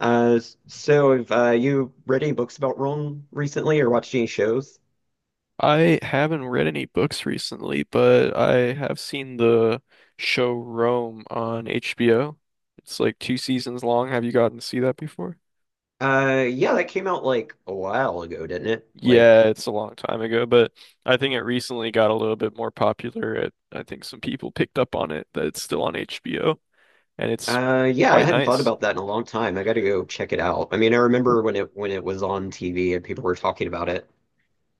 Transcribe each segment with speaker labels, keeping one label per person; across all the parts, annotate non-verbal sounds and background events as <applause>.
Speaker 1: Uh, so have you read any books about Rome recently or watched any shows?
Speaker 2: I haven't read any books recently, but I have seen the show Rome on HBO. It's like two seasons long. Have you gotten to see that before?
Speaker 1: Yeah, that came out like a while ago, didn't it?
Speaker 2: Yeah,
Speaker 1: Like,
Speaker 2: it's a long time ago, but I think it recently got a little bit more popular. I think some people picked up on it that it's still on HBO, and it's
Speaker 1: yeah, I
Speaker 2: quite
Speaker 1: hadn't thought
Speaker 2: nice.
Speaker 1: about that in a long time. I gotta go check it out. I mean, I remember when it was on TV and people were talking about it.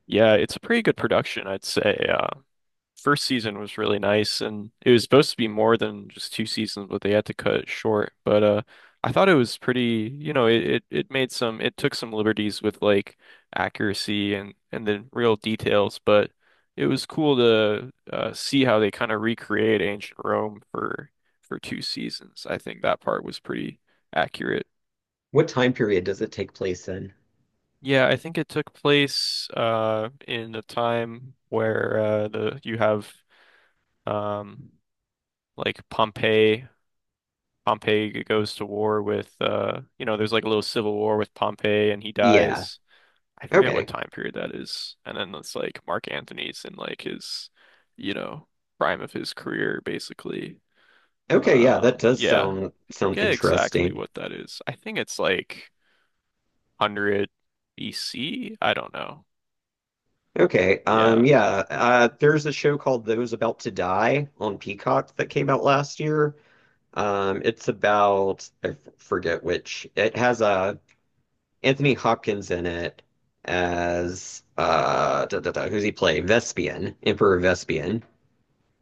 Speaker 2: Yeah, it's a pretty good production, I'd say. First season was really nice, and it was supposed to be more than just two seasons, but they had to cut it short. But I thought it was pretty, you know, it made some. It took some liberties with like accuracy and the real details, but it was cool to see how they kind of recreate ancient Rome for two seasons. I think that part was pretty accurate.
Speaker 1: What time period does it take place in?
Speaker 2: Yeah, I think it took place in a time where the you have um like Pompeii Pompey goes to war with you know there's like a little civil war with Pompey and he
Speaker 1: Yeah.
Speaker 2: dies. I forget what
Speaker 1: Okay.
Speaker 2: time period that is. And then it's like Mark Antony's in like his you know prime of his career basically.
Speaker 1: Okay, yeah, that does
Speaker 2: Yeah.
Speaker 1: sound
Speaker 2: I
Speaker 1: sound
Speaker 2: forget exactly
Speaker 1: interesting.
Speaker 2: what that is. I think it's like 100 B C. I don't know.
Speaker 1: Okay,
Speaker 2: Yeah.
Speaker 1: yeah, there's a show called Those About to Die on Peacock that came out last year. It's about forget which. It has Anthony Hopkins in it as da, da, da, who's he play? Vespian, Emperor Vespian,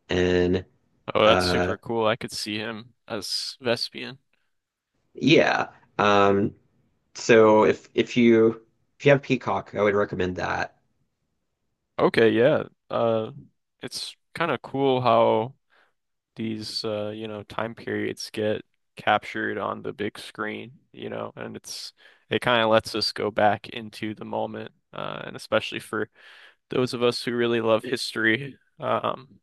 Speaker 1: and
Speaker 2: Oh, that's
Speaker 1: uh
Speaker 2: super cool. I could see him as Vespian.
Speaker 1: yeah. Um, so if you have Peacock, I would recommend that.
Speaker 2: Okay, yeah. Uh it's kind of cool how these you know, time periods get captured on the big screen, you know, and it kind of lets us go back into the moment. And especially for those of us who really love history,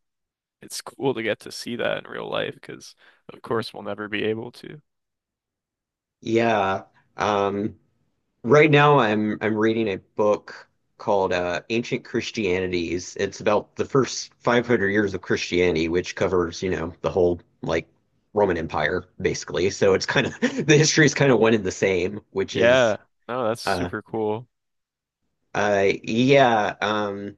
Speaker 2: it's cool to get to see that in real life because, of course, we'll never be able to.
Speaker 1: Yeah. Um, Right now, I'm reading a book called Ancient Christianities. It's about the first 500 years of Christianity, which covers the whole like Roman Empire, basically. So it's kind of <laughs> the history is kind of one and the same, which is
Speaker 2: Yeah, no, that's
Speaker 1: uh
Speaker 2: super cool.
Speaker 1: yeah,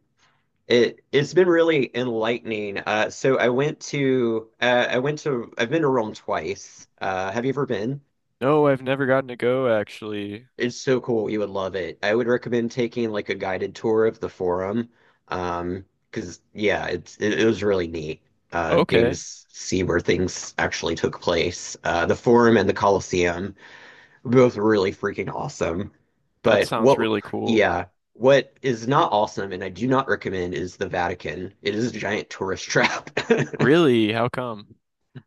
Speaker 1: it's been really enlightening. So I've been to Rome twice. Have you ever been?
Speaker 2: No, I've never gotten to go actually.
Speaker 1: It's so cool. You would love it. I would recommend taking like a guided tour of the forum. Um, because yeah, it was really neat.
Speaker 2: Okay,
Speaker 1: Games see where things actually took place. The forum and the Colosseum, both really freaking awesome.
Speaker 2: that
Speaker 1: But
Speaker 2: sounds
Speaker 1: what,
Speaker 2: really cool.
Speaker 1: yeah, what is not awesome, and I do not recommend, is the Vatican. It is a giant tourist trap. <laughs>
Speaker 2: Really? How come?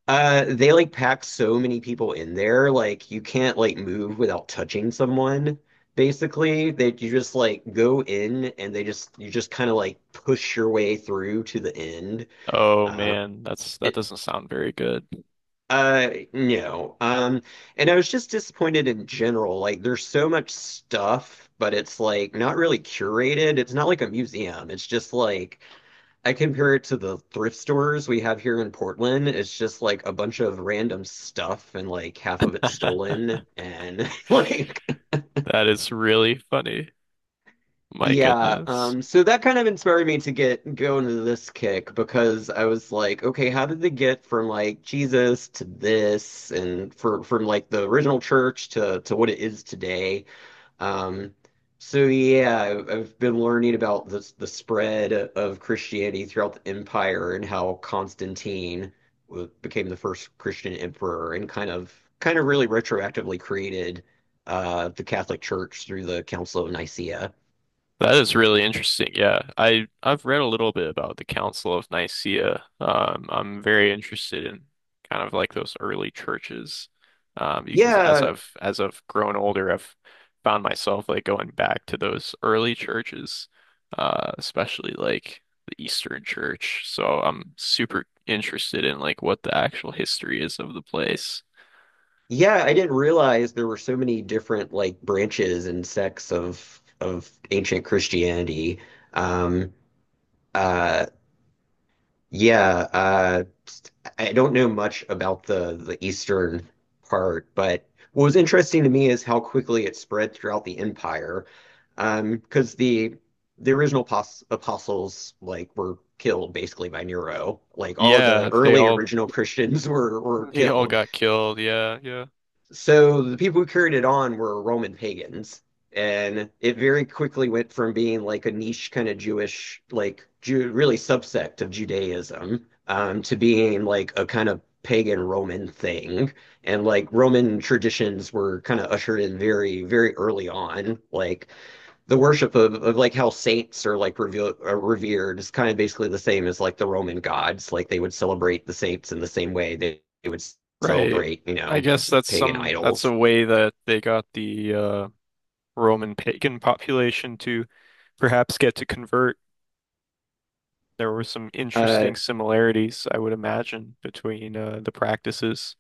Speaker 1: They like pack so many people in there, like you can't like move without touching someone. Basically, that you just like go in and they just you just kind of like push your way through to the end.
Speaker 2: Oh
Speaker 1: Uh,
Speaker 2: man, that
Speaker 1: it,
Speaker 2: doesn't sound very good.
Speaker 1: no. And I was just disappointed in general. Like there's so much stuff, but it's like not really curated. It's not like a museum. It's just like I compare it to the thrift stores we have here in Portland. It's just like a bunch of random stuff and like half of it stolen and <laughs> like
Speaker 2: That is really funny. My
Speaker 1: yeah,
Speaker 2: goodness.
Speaker 1: so that kind of inspired me to get go into this kick because I was like, okay, how did they get from like Jesus to this and for from like the original church to what it is today? Um. So yeah, I've been learning about the spread of Christianity throughout the empire and how Constantine became the first Christian emperor and kind of really retroactively created the Catholic Church through the Council of Nicaea.
Speaker 2: That is really interesting. Yeah, I've read a little bit about the Council of Nicaea. I'm very interested in kind of like those early churches. Because as
Speaker 1: Yeah,
Speaker 2: I've as I've grown older, I've found myself like going back to those early churches, especially like the Eastern Church. So I'm super interested in like what the actual history is of the place.
Speaker 1: yeah, I didn't realize there were so many different like branches and sects of ancient Christianity. Um, uh, yeah, I don't know much about the eastern part, but what was interesting to me is how quickly it spread throughout the empire. Because the original pos apostles like were killed basically by Nero. Like all the
Speaker 2: Yeah,
Speaker 1: early original Christians <laughs> were
Speaker 2: they all
Speaker 1: killed.
Speaker 2: got killed. Yeah, yeah.
Speaker 1: So the people who carried it on were Roman pagans, and it very quickly went from being like a niche kind of Jewish, like really subsect of Judaism, to being like a kind of pagan Roman thing. And like Roman traditions were kind of ushered in very, very early on, like the worship of like how saints are revered is kind of basically the same as like the Roman gods. Like they would celebrate the saints in the same way they would
Speaker 2: Right.
Speaker 1: celebrate, you
Speaker 2: I
Speaker 1: know,
Speaker 2: guess
Speaker 1: pagan
Speaker 2: that's a
Speaker 1: idols.
Speaker 2: way that they got the Roman pagan population to perhaps get to convert. There were some
Speaker 1: Uh,
Speaker 2: interesting similarities, I would imagine, between the practices.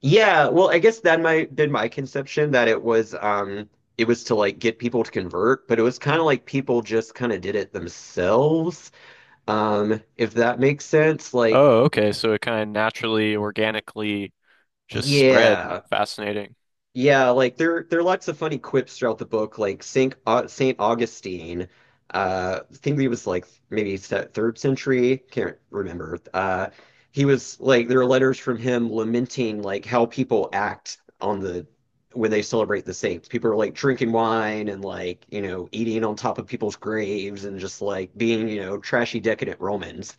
Speaker 1: yeah, well, I guess that my been my conception that it was to like get people to convert, but it was kind of like people just kind of did it themselves. If that makes sense, like
Speaker 2: Oh, okay. So it kind of naturally, organically just spread.
Speaker 1: yeah,
Speaker 2: Fascinating.
Speaker 1: yeah, like there are lots of funny quips throughout the book, like Saint Augustine. I think he was like maybe third century. Can't remember. He was like there are letters from him lamenting like how people act on the when they celebrate the saints. People are like drinking wine and like eating on top of people's graves and just like being trashy decadent Romans.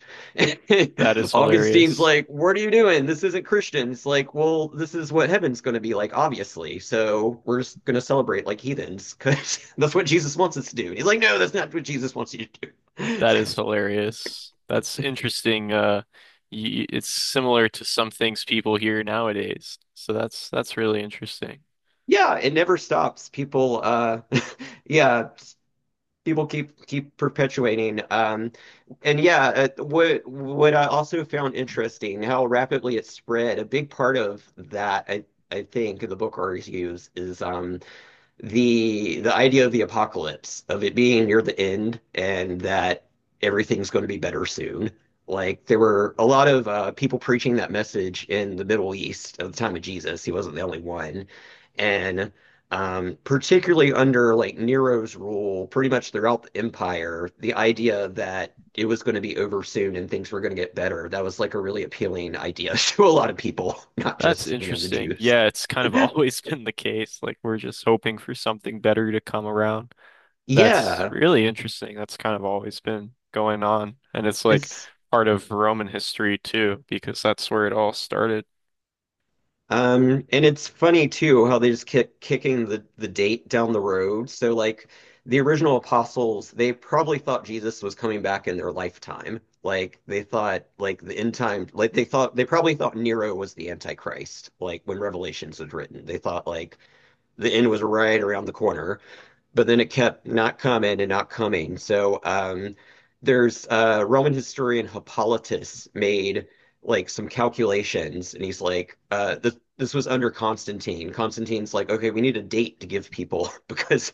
Speaker 2: That is
Speaker 1: <laughs> Augustine's
Speaker 2: hilarious.
Speaker 1: like, "What are you doing? This isn't Christian." It's like, "Well, this is what heaven's going to be like, obviously. So we're just going to celebrate like heathens because" <laughs> "that's what Jesus wants us to do." And he's like, "No, that's not what Jesus wants you to do." <laughs> It's-
Speaker 2: That is hilarious. That's interesting. Y It's similar to some things people hear nowadays. So that's really interesting.
Speaker 1: yeah, it never stops. <laughs> Yeah, people keep perpetuating. And yeah, what I also found interesting how rapidly it spread. A big part of that, I think, in the book argues is the idea of the apocalypse, of it being near the end and that everything's going to be better soon. Like there were a lot of people preaching that message in the Middle East at the time of Jesus. He wasn't the only one, and particularly under like Nero's rule, pretty much throughout the empire, the idea that it was going to be over soon and things were going to get better, that was like a really appealing idea <laughs> to a lot of people, not
Speaker 2: That's
Speaker 1: just the
Speaker 2: interesting.
Speaker 1: Jews.
Speaker 2: Yeah, it's kind of always <laughs> been the case. Like we're just hoping for something better to come around. That's
Speaker 1: Yeah,
Speaker 2: really interesting. That's kind of always been going on. And it's like
Speaker 1: it's
Speaker 2: part of Roman history too, because that's where it all started.
Speaker 1: And it's funny too how they just kicking the date down the road. So like the original apostles, they probably thought Jesus was coming back in their lifetime. Like they thought like the end time, like they probably thought Nero was the Antichrist. Like when Revelations was written, they thought like the end was right around the corner, but then it kept not coming and not coming. So there's Roman historian Hippolytus made like some calculations, and he's like, this was under Constantine. Constantine's like, okay, we need a date to give people <laughs> because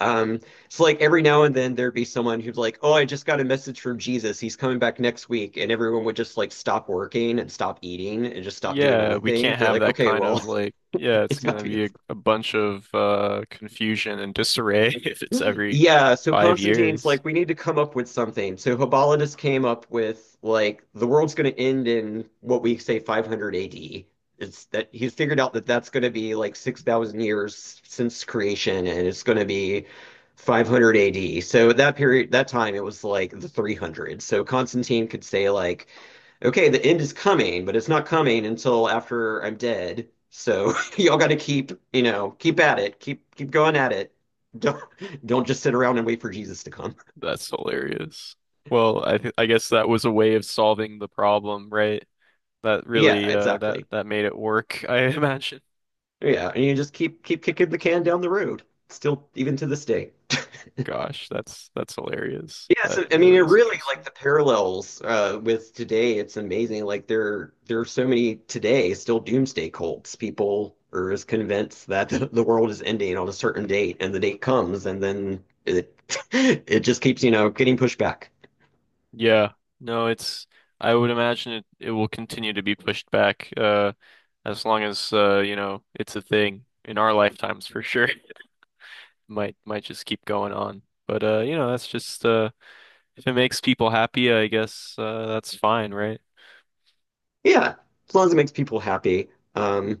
Speaker 1: um, it's like every now and then there'd be someone who's like, oh, I just got a message from Jesus. He's coming back next week, and everyone would just like stop working and stop eating and just stop doing
Speaker 2: Yeah, we
Speaker 1: anything.
Speaker 2: can't
Speaker 1: They're
Speaker 2: have
Speaker 1: like,
Speaker 2: that
Speaker 1: okay,
Speaker 2: kind of
Speaker 1: well,
Speaker 2: like, yeah,
Speaker 1: <laughs>
Speaker 2: it's
Speaker 1: it's about
Speaker 2: gonna
Speaker 1: to be
Speaker 2: be a bunch of confusion and disarray <laughs> if it's every
Speaker 1: yeah, so
Speaker 2: five
Speaker 1: Constantine's
Speaker 2: years.
Speaker 1: like, we need to come up with something. So Hippolytus came up with like the world's going to end in what we say 500 AD. It's that he's figured out that that's going to be like 6,000 years since creation, and it's going to be 500 AD. So at that period, that time, it was like the 300. So Constantine could say like, okay, the end is coming, but it's not coming until after I'm dead. So <laughs> y'all got to keep at it, keep going at it. Don't don't just sit around and wait for Jesus to come. <laughs>
Speaker 2: That's hilarious. Well, I guess that was a way of solving the problem, right? That
Speaker 1: Yeah,
Speaker 2: really
Speaker 1: exactly.
Speaker 2: that made it work, <laughs> I imagine.
Speaker 1: Yeah, and you just keep kicking the can down the road. Still, even to this day.
Speaker 2: Gosh, that's hilarious.
Speaker 1: Yeah,
Speaker 2: That
Speaker 1: so I mean it
Speaker 2: really is
Speaker 1: really like
Speaker 2: interesting.
Speaker 1: the parallels with today. It's amazing. Like there are so many today still doomsday cults. People are as convinced that <laughs> the world is ending on a certain date, and the date comes, and then it <laughs> it just keeps getting pushed back.
Speaker 2: Yeah. No, it's I would imagine it will continue to be pushed back as long as you know it's a thing in our lifetimes for sure. Might just keep going on. But you know, that's just if it makes people happy, I guess that's fine, right?
Speaker 1: Yeah, as long as it makes people happy. Um,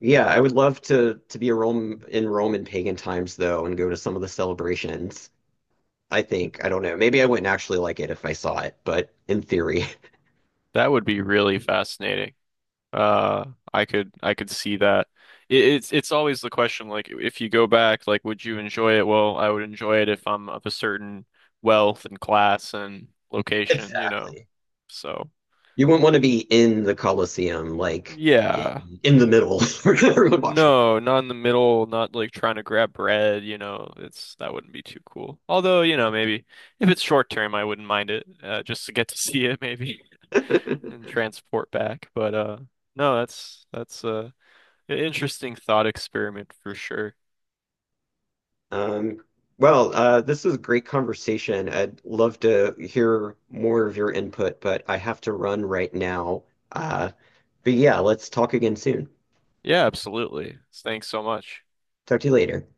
Speaker 1: Yeah, I would love to be a Rome in Rome in pagan times though and go to some of the celebrations. I think, I don't know. Maybe I wouldn't actually like it if I saw it, but in theory, <laughs>
Speaker 2: That would be really fascinating. Uh I could see that. It's always the question like if you go back like would you enjoy it? Well, I would enjoy it if I'm of a certain wealth and class and location, you know.
Speaker 1: exactly.
Speaker 2: So,
Speaker 1: You wouldn't want to be in the Colosseum, like in,
Speaker 2: yeah.
Speaker 1: in the middle <laughs> where everyone watching.
Speaker 2: No, not in the middle, not like trying to grab bread, you know, it's that wouldn't be too cool. Although, you know, maybe if it's short term, I wouldn't mind it, just to get to <laughs> see it maybe <laughs> and
Speaker 1: <laughs>
Speaker 2: transport back. But no, that's an interesting thought experiment for sure.
Speaker 1: Um, well, this is a great conversation. I'd love to hear more of your input, but I have to run right now. Uh, but yeah, let's talk again soon.
Speaker 2: Yeah, absolutely. Thanks so much.
Speaker 1: Talk to you later.